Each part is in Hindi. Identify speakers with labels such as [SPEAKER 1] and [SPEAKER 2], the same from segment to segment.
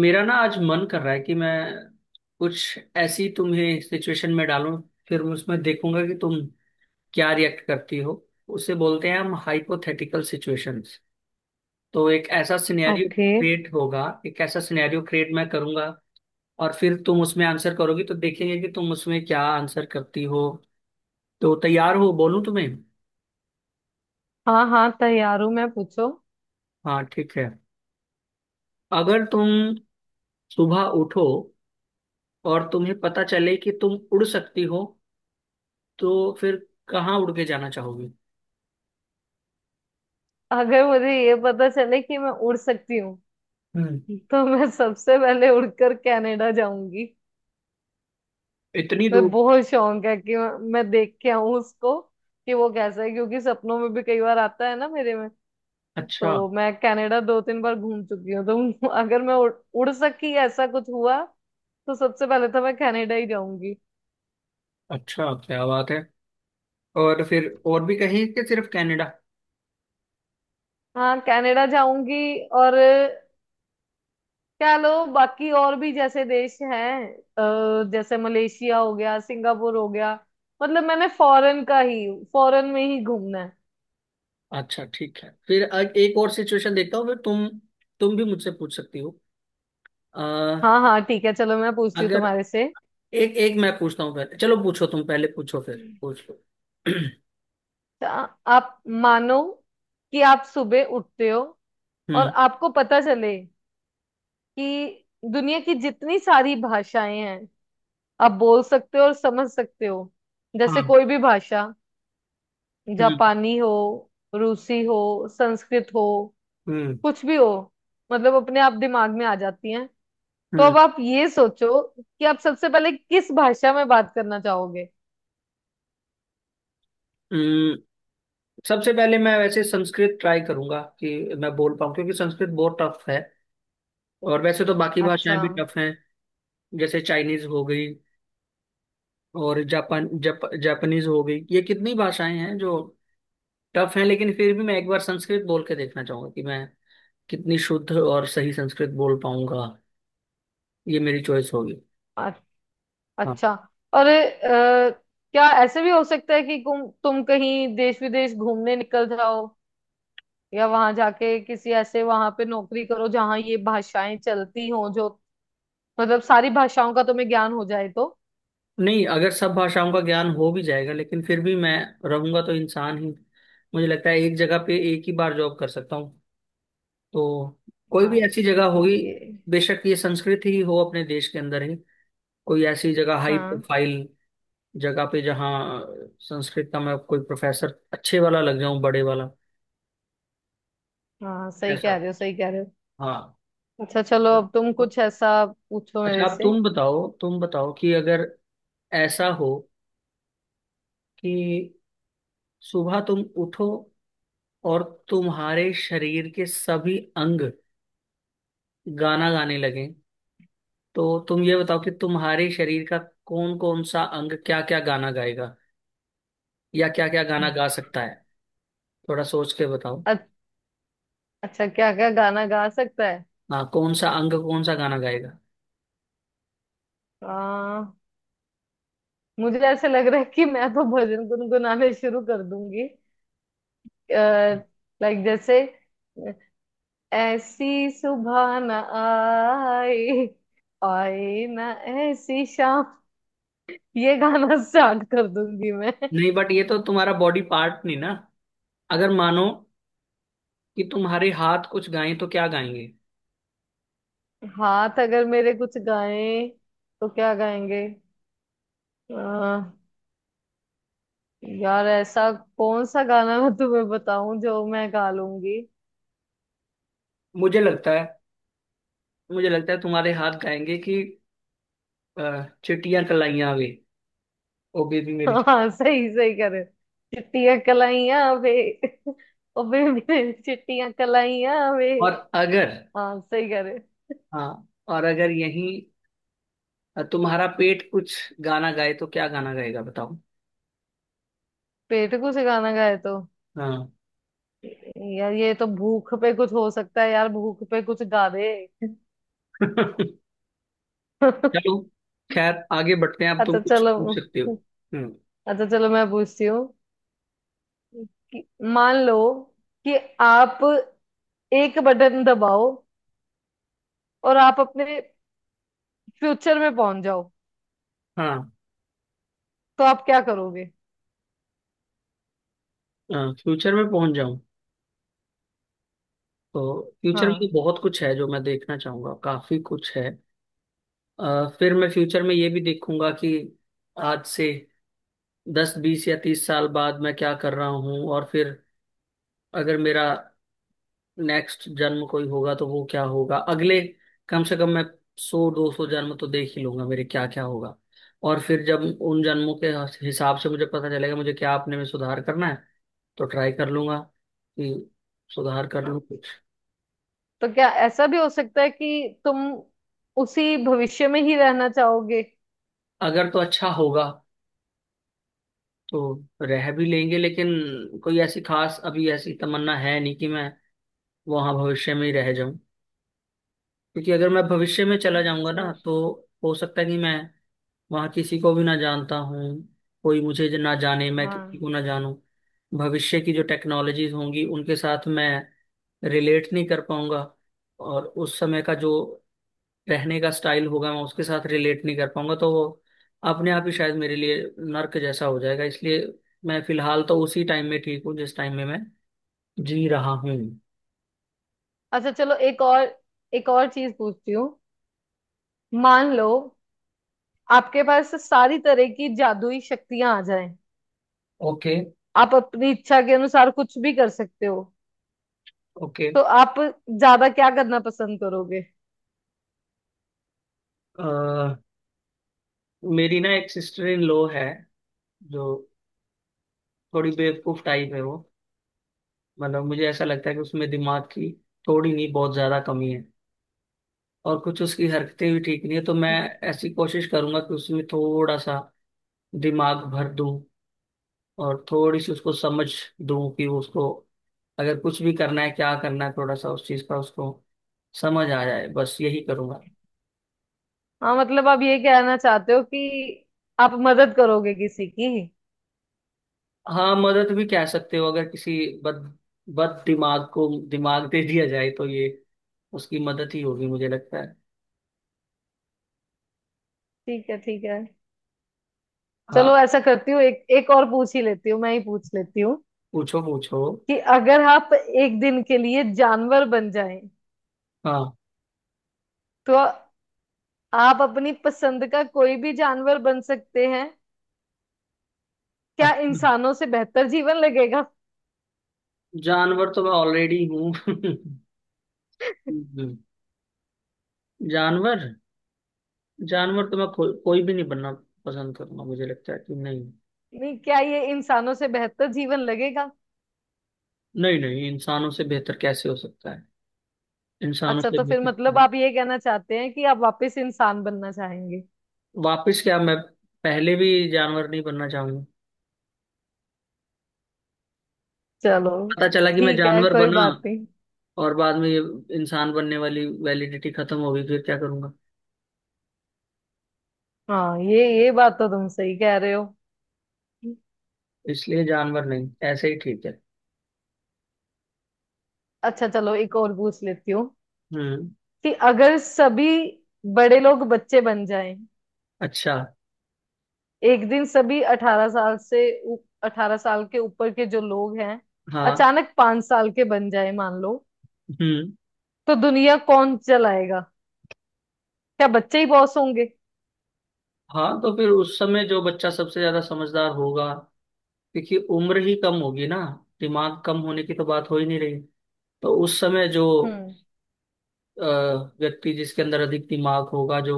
[SPEAKER 1] मेरा ना आज मन कर रहा है कि मैं कुछ ऐसी तुम्हें सिचुएशन में डालूं। फिर मैं उसमें देखूंगा कि तुम क्या रिएक्ट करती हो। उसे बोलते हैं हम हाइपोथेटिकल सिचुएशंस। तो एक ऐसा सिनेरियो
[SPEAKER 2] ओके।
[SPEAKER 1] क्रिएट होगा, एक ऐसा सिनेरियो क्रिएट मैं करूंगा और फिर तुम उसमें आंसर करोगी, तो देखेंगे कि तुम उसमें क्या आंसर करती हो। तो तैयार हो, बोलूं तुम्हें?
[SPEAKER 2] हाँ, हाँ, तैयार हूँ, मैं पूछो।
[SPEAKER 1] हाँ ठीक है। अगर तुम सुबह उठो और तुम्हें पता चले कि तुम उड़ सकती हो तो फिर कहाँ उड़ के जाना चाहोगी?
[SPEAKER 2] अगर मुझे ये पता चले कि मैं उड़ सकती हूँ,
[SPEAKER 1] हम्म।
[SPEAKER 2] तो मैं सबसे पहले उड़कर कनाडा जाऊंगी।
[SPEAKER 1] इतनी
[SPEAKER 2] मैं
[SPEAKER 1] दूर?
[SPEAKER 2] बहुत शौक है कि मैं देख के आऊं उसको कि वो कैसा है, क्योंकि सपनों में भी कई बार आता है ना मेरे में।
[SPEAKER 1] अच्छा।
[SPEAKER 2] तो मैं कनाडा दो तीन बार घूम चुकी हूँ, तो अगर मैं उड़ सकी, ऐसा कुछ हुआ, तो सबसे पहले तो मैं कनाडा ही जाऊंगी।
[SPEAKER 1] अच्छा, क्या बात है। और फिर और भी कहीं कि सिर्फ कनाडा?
[SPEAKER 2] हाँ, कनाडा जाऊंगी। और क्या लो, बाकी और भी जैसे देश हैं, जैसे मलेशिया हो गया, सिंगापुर हो गया। मतलब मैंने फॉरेन का ही, फॉरेन में ही घूमना है।
[SPEAKER 1] अच्छा ठीक है। फिर एक और सिचुएशन देखता हूँ, फिर तुम भी मुझसे पूछ सकती हो। अ,
[SPEAKER 2] हाँ, हाँ, ठीक है, चलो मैं पूछती हूँ
[SPEAKER 1] अगर,
[SPEAKER 2] तुम्हारे से।
[SPEAKER 1] एक एक मैं पूछता हूँ पहले, चलो पूछो, तुम पहले पूछो, फिर पूछ लो।
[SPEAKER 2] तो आप मानो कि आप सुबह उठते हो और
[SPEAKER 1] हम्म।
[SPEAKER 2] आपको पता चले कि दुनिया की जितनी सारी भाषाएं हैं, आप बोल सकते हो और समझ सकते हो। जैसे
[SPEAKER 1] हाँ।
[SPEAKER 2] कोई भी भाषा,
[SPEAKER 1] हम्म।
[SPEAKER 2] जापानी हो, रूसी हो, संस्कृत हो,
[SPEAKER 1] हम्म।
[SPEAKER 2] कुछ भी हो, मतलब अपने आप दिमाग में आ जाती हैं। तो
[SPEAKER 1] हम्म।
[SPEAKER 2] अब आप ये सोचो कि आप सबसे पहले किस भाषा में बात करना चाहोगे।
[SPEAKER 1] हम्म। सबसे पहले मैं वैसे संस्कृत ट्राई करूंगा कि मैं बोल पाऊँ क्योंकि संस्कृत बहुत टफ है। और वैसे तो बाकी
[SPEAKER 2] अच्छा।
[SPEAKER 1] भाषाएं भी टफ हैं, जैसे चाइनीज हो गई और जापानीज हो गई, ये कितनी भाषाएं हैं जो टफ हैं। लेकिन फिर भी मैं एक बार संस्कृत बोल के देखना चाहूंगा कि मैं कितनी शुद्ध और सही संस्कृत बोल पाऊंगा। ये मेरी चॉइस होगी।
[SPEAKER 2] अ-
[SPEAKER 1] हाँ।
[SPEAKER 2] अच्छा। और क्या ऐसे भी हो सकता है कि तुम कहीं देश विदेश घूमने निकल जाओ, या वहां जाके किसी ऐसे, वहां पे नौकरी करो जहाँ ये भाषाएं चलती हों, जो मतलब सारी भाषाओं का तुम्हें ज्ञान हो जाए तो।
[SPEAKER 1] नहीं, अगर सब भाषाओं का ज्ञान हो भी जाएगा लेकिन फिर भी मैं रहूंगा तो इंसान ही। मुझे लगता है एक जगह पे एक ही बार जॉब कर सकता हूँ। तो कोई भी
[SPEAKER 2] हाँ,
[SPEAKER 1] ऐसी जगह होगी,
[SPEAKER 2] ये,
[SPEAKER 1] बेशक ये संस्कृत ही हो, अपने देश के अंदर ही कोई ऐसी जगह, हाई
[SPEAKER 2] हाँ,
[SPEAKER 1] प्रोफाइल जगह पे, जहाँ संस्कृत का मैं कोई प्रोफेसर अच्छे वाला लग जाऊं, बड़े वाला
[SPEAKER 2] हाँ, सही
[SPEAKER 1] ऐसा।
[SPEAKER 2] कह रहे हो, सही कह रहे हो।
[SPEAKER 1] हाँ।
[SPEAKER 2] अच्छा चलो, अब तुम कुछ ऐसा पूछो
[SPEAKER 1] अच्छा,
[SPEAKER 2] मेरे
[SPEAKER 1] आप,
[SPEAKER 2] से।
[SPEAKER 1] तुम बताओ, तुम बताओ कि अगर ऐसा हो कि सुबह तुम उठो और तुम्हारे शरीर के सभी अंग गाना गाने लगें, तो तुम ये बताओ कि तुम्हारे शरीर का कौन कौन सा अंग क्या क्या गाना गाएगा या क्या क्या गाना गा सकता है। थोड़ा सोच के बताओ।
[SPEAKER 2] अ- अच्छा, क्या क्या गाना गा सकता है।
[SPEAKER 1] हाँ, कौन सा अंग कौन सा गाना गाएगा?
[SPEAKER 2] आ, मुझे ऐसे लग रहा है कि मैं तो भजन गुनगुनाने शुरू कर दूंगी। लाइक जैसे, ऐसी सुबह ना आए, आए ना ऐसी शाम, ये गाना स्टार्ट कर दूंगी मैं।
[SPEAKER 1] नहीं बट ये तो तुम्हारा बॉडी पार्ट नहीं ना। अगर मानो कि तुम्हारे हाथ कुछ गाएं तो क्या गाएंगे?
[SPEAKER 2] हाथ अगर मेरे कुछ गाएं, तो क्या गाएंगे? यार, ऐसा कौन सा गाना मैं तुम्हें बताऊं जो मैं गा लूंगी?
[SPEAKER 1] मुझे लगता है, मुझे लगता है तुम्हारे हाथ गाएंगे कि अ, चिट्टियां कलाइयां वे, ओ बेबी मेरी।
[SPEAKER 2] हाँ, सही, सही करे। चिट्टियां कलाइयां वे, ओ बेबी, चिट्टियां कलाइयां वे।
[SPEAKER 1] और अगर,
[SPEAKER 2] हाँ, सही करे।
[SPEAKER 1] हाँ, और अगर यही तुम्हारा पेट कुछ गाना गाए तो क्या गाना गाएगा बताओ?
[SPEAKER 2] पेट कुछ गाना गाए तो?
[SPEAKER 1] हाँ।
[SPEAKER 2] यार, ये तो भूख पे कुछ हो सकता है। यार, भूख पे कुछ गा दे
[SPEAKER 1] चलो खैर आगे बढ़ते हैं। अब तुम
[SPEAKER 2] अच्छा
[SPEAKER 1] कुछ पूछ
[SPEAKER 2] चलो।
[SPEAKER 1] सकते हो। हम्म।
[SPEAKER 2] मैं पूछती हूँ कि मान लो कि आप एक बटन दबाओ और आप अपने फ्यूचर में पहुंच जाओ,
[SPEAKER 1] हाँ।
[SPEAKER 2] तो आप क्या करोगे?
[SPEAKER 1] फ्यूचर में पहुंच जाऊं? तो फ्यूचर में तो
[SPEAKER 2] हाँ,
[SPEAKER 1] बहुत कुछ है जो मैं देखना चाहूंगा, काफी कुछ है। फिर मैं फ्यूचर में ये भी देखूंगा कि आज से 10 20 या 30 साल बाद मैं क्या कर रहा हूँ, और फिर अगर मेरा नेक्स्ट जन्म कोई होगा तो वो क्या होगा। अगले, कम से कम मैं 100 200 जन्म तो देख ही लूंगा मेरे क्या क्या होगा। और फिर जब उन जन्मों के हिसाब से मुझे पता चलेगा मुझे क्या अपने में सुधार करना है तो ट्राई कर लूंगा कि सुधार कर लूं कुछ।
[SPEAKER 2] तो क्या ऐसा भी हो सकता है कि तुम उसी भविष्य में ही रहना चाहोगे?
[SPEAKER 1] अगर तो अच्छा होगा तो रह भी लेंगे, लेकिन कोई ऐसी खास अभी ऐसी तमन्ना है नहीं कि मैं वहां भविष्य में ही रह जाऊं। क्योंकि अगर मैं भविष्य में चला जाऊंगा ना,
[SPEAKER 2] सही।
[SPEAKER 1] तो हो सकता है कि मैं वहां किसी को भी ना जानता हूँ, कोई मुझे ना जाने, मैं किसी
[SPEAKER 2] हाँ।
[SPEAKER 1] को ना जानूं। भविष्य की जो टेक्नोलॉजीज होंगी उनके साथ मैं रिलेट नहीं कर पाऊंगा, और उस समय का जो रहने का स्टाइल होगा मैं उसके साथ रिलेट नहीं कर पाऊंगा, तो वो अपने आप ही शायद मेरे लिए नर्क जैसा हो जाएगा। इसलिए मैं फिलहाल तो उसी टाइम में ठीक हूँ जिस टाइम में मैं जी रहा हूँ।
[SPEAKER 2] अच्छा चलो, एक और चीज पूछती हूँ। मान लो आपके पास सारी तरह की जादुई शक्तियां आ जाएं,
[SPEAKER 1] ओके।
[SPEAKER 2] आप अपनी इच्छा के अनुसार कुछ भी कर सकते हो,
[SPEAKER 1] ओके।
[SPEAKER 2] तो आप ज्यादा क्या करना पसंद करोगे?
[SPEAKER 1] मेरी ना एक सिस्टर इन लॉ है, जो थोड़ी बेवकूफ टाइप है वो। मतलब मुझे ऐसा लगता है कि उसमें दिमाग की थोड़ी नहीं बहुत ज्यादा कमी है, और कुछ उसकी हरकतें भी ठीक नहीं है, तो मैं ऐसी कोशिश करूंगा कि उसमें थोड़ा सा दिमाग भर दूं, और थोड़ी सी उसको समझ दूं कि वो, उसको अगर कुछ भी करना है क्या करना है, थोड़ा सा उस चीज का उसको समझ आ जाए, बस यही करूंगा।
[SPEAKER 2] हाँ, मतलब आप ये कहना चाहते हो कि आप मदद करोगे किसी की।
[SPEAKER 1] हाँ, मदद भी कह सकते हो, अगर किसी बद बद दिमाग को दिमाग दे दिया जाए तो ये उसकी मदद ही होगी, मुझे लगता है।
[SPEAKER 2] ठीक है, ठीक है। चलो
[SPEAKER 1] हाँ।
[SPEAKER 2] ऐसा करती हूँ, एक एक और पूछ ही लेती हूँ, मैं ही पूछ लेती हूँ
[SPEAKER 1] पूछो पूछो।
[SPEAKER 2] कि अगर आप एक दिन के लिए जानवर बन जाएं,
[SPEAKER 1] हाँ।
[SPEAKER 2] तो आप अपनी पसंद का कोई भी जानवर बन सकते हैं। क्या
[SPEAKER 1] अच्छा,
[SPEAKER 2] इंसानों से बेहतर जीवन लगेगा?
[SPEAKER 1] जानवर तो मैं ऑलरेडी हूँ। हम्म, जानवर, जानवर तो मैं कोई भी नहीं बनना पसंद करूंगा, मुझे लगता है कि नहीं।
[SPEAKER 2] नहीं, क्या ये इंसानों से बेहतर जीवन लगेगा?
[SPEAKER 1] नहीं नहीं, इंसानों से बेहतर कैसे हो सकता है? इंसानों
[SPEAKER 2] अच्छा,
[SPEAKER 1] से
[SPEAKER 2] तो फिर
[SPEAKER 1] बेहतर।
[SPEAKER 2] मतलब आप ये कहना चाहते हैं कि आप वापस इंसान बनना चाहेंगे।
[SPEAKER 1] वापस क्या, मैं पहले भी जानवर नहीं बनना चाहूंगा।
[SPEAKER 2] चलो,
[SPEAKER 1] पता चला कि मैं
[SPEAKER 2] ठीक है,
[SPEAKER 1] जानवर
[SPEAKER 2] कोई
[SPEAKER 1] बना
[SPEAKER 2] बात नहीं।
[SPEAKER 1] और बाद में ये इंसान बनने वाली वैलिडिटी खत्म होगी, फिर क्या करूंगा?
[SPEAKER 2] हाँ, ये बात तो तुम सही कह रहे हो।
[SPEAKER 1] इसलिए जानवर नहीं, ऐसे ही ठीक है।
[SPEAKER 2] अच्छा चलो, एक और पूछ लेती हूँ
[SPEAKER 1] हम्म।
[SPEAKER 2] कि अगर सभी बड़े लोग बच्चे बन जाएं,
[SPEAKER 1] अच्छा।
[SPEAKER 2] एक दिन, सभी 18 साल के ऊपर के जो लोग हैं,
[SPEAKER 1] हाँ।
[SPEAKER 2] अचानक 5 साल के बन जाए, मान लो,
[SPEAKER 1] हम्म।
[SPEAKER 2] तो दुनिया कौन चलाएगा? क्या बच्चे ही बॉस होंगे?
[SPEAKER 1] हाँ तो फिर उस समय जो बच्चा सबसे ज्यादा समझदार होगा, क्योंकि उम्र ही कम होगी ना, दिमाग कम होने की तो बात हो ही नहीं रही। तो उस समय जो
[SPEAKER 2] हम्म
[SPEAKER 1] अ, व्यक्ति जिसके अंदर अधिक दिमाग होगा, जो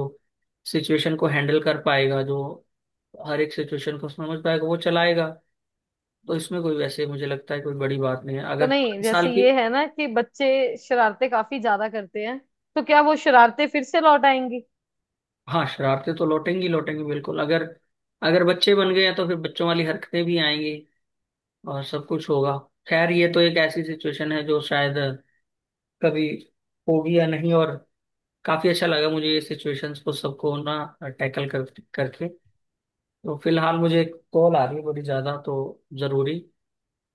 [SPEAKER 1] सिचुएशन को हैंडल कर पाएगा, जो हर एक सिचुएशन को समझ पाएगा, वो चलाएगा। तो इसमें कोई, वैसे मुझे लगता है कोई बड़ी बात नहीं है
[SPEAKER 2] तो
[SPEAKER 1] अगर
[SPEAKER 2] नहीं,
[SPEAKER 1] 5 साल
[SPEAKER 2] जैसे
[SPEAKER 1] की।
[SPEAKER 2] ये है ना कि बच्चे शरारतें काफी ज्यादा करते हैं, तो क्या वो शरारतें फिर से लौट आएंगी?
[SPEAKER 1] हाँ, शरारतें तो लौटेंगी लौटेंगी बिल्कुल। अगर अगर बच्चे बन गए हैं तो फिर बच्चों वाली हरकतें भी आएंगी और सब कुछ होगा। खैर ये तो एक ऐसी सिचुएशन है जो शायद कभी होगी या नहीं, और काफी अच्छा लगा मुझे ये सिचुएशंस को सबको ना टैकल कर करके। तो फिलहाल मुझे एक कॉल आ रही है बड़ी ज्यादा तो जरूरी,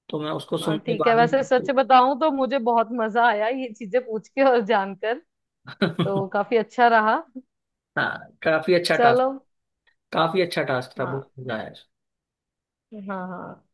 [SPEAKER 1] तो मैं उसको
[SPEAKER 2] हाँ,
[SPEAKER 1] सुन के
[SPEAKER 2] ठीक है।
[SPEAKER 1] बाद
[SPEAKER 2] वैसे सच
[SPEAKER 1] में।
[SPEAKER 2] बताऊं तो मुझे बहुत मजा आया ये चीजें पूछ के और जानकर, तो काफी अच्छा रहा।
[SPEAKER 1] हाँ काफी अच्छा टास्क।
[SPEAKER 2] चलो।
[SPEAKER 1] काफी अच्छा टास्क था, बुक हो
[SPEAKER 2] हाँ,
[SPEAKER 1] जाए।
[SPEAKER 2] हाँ, हाँ।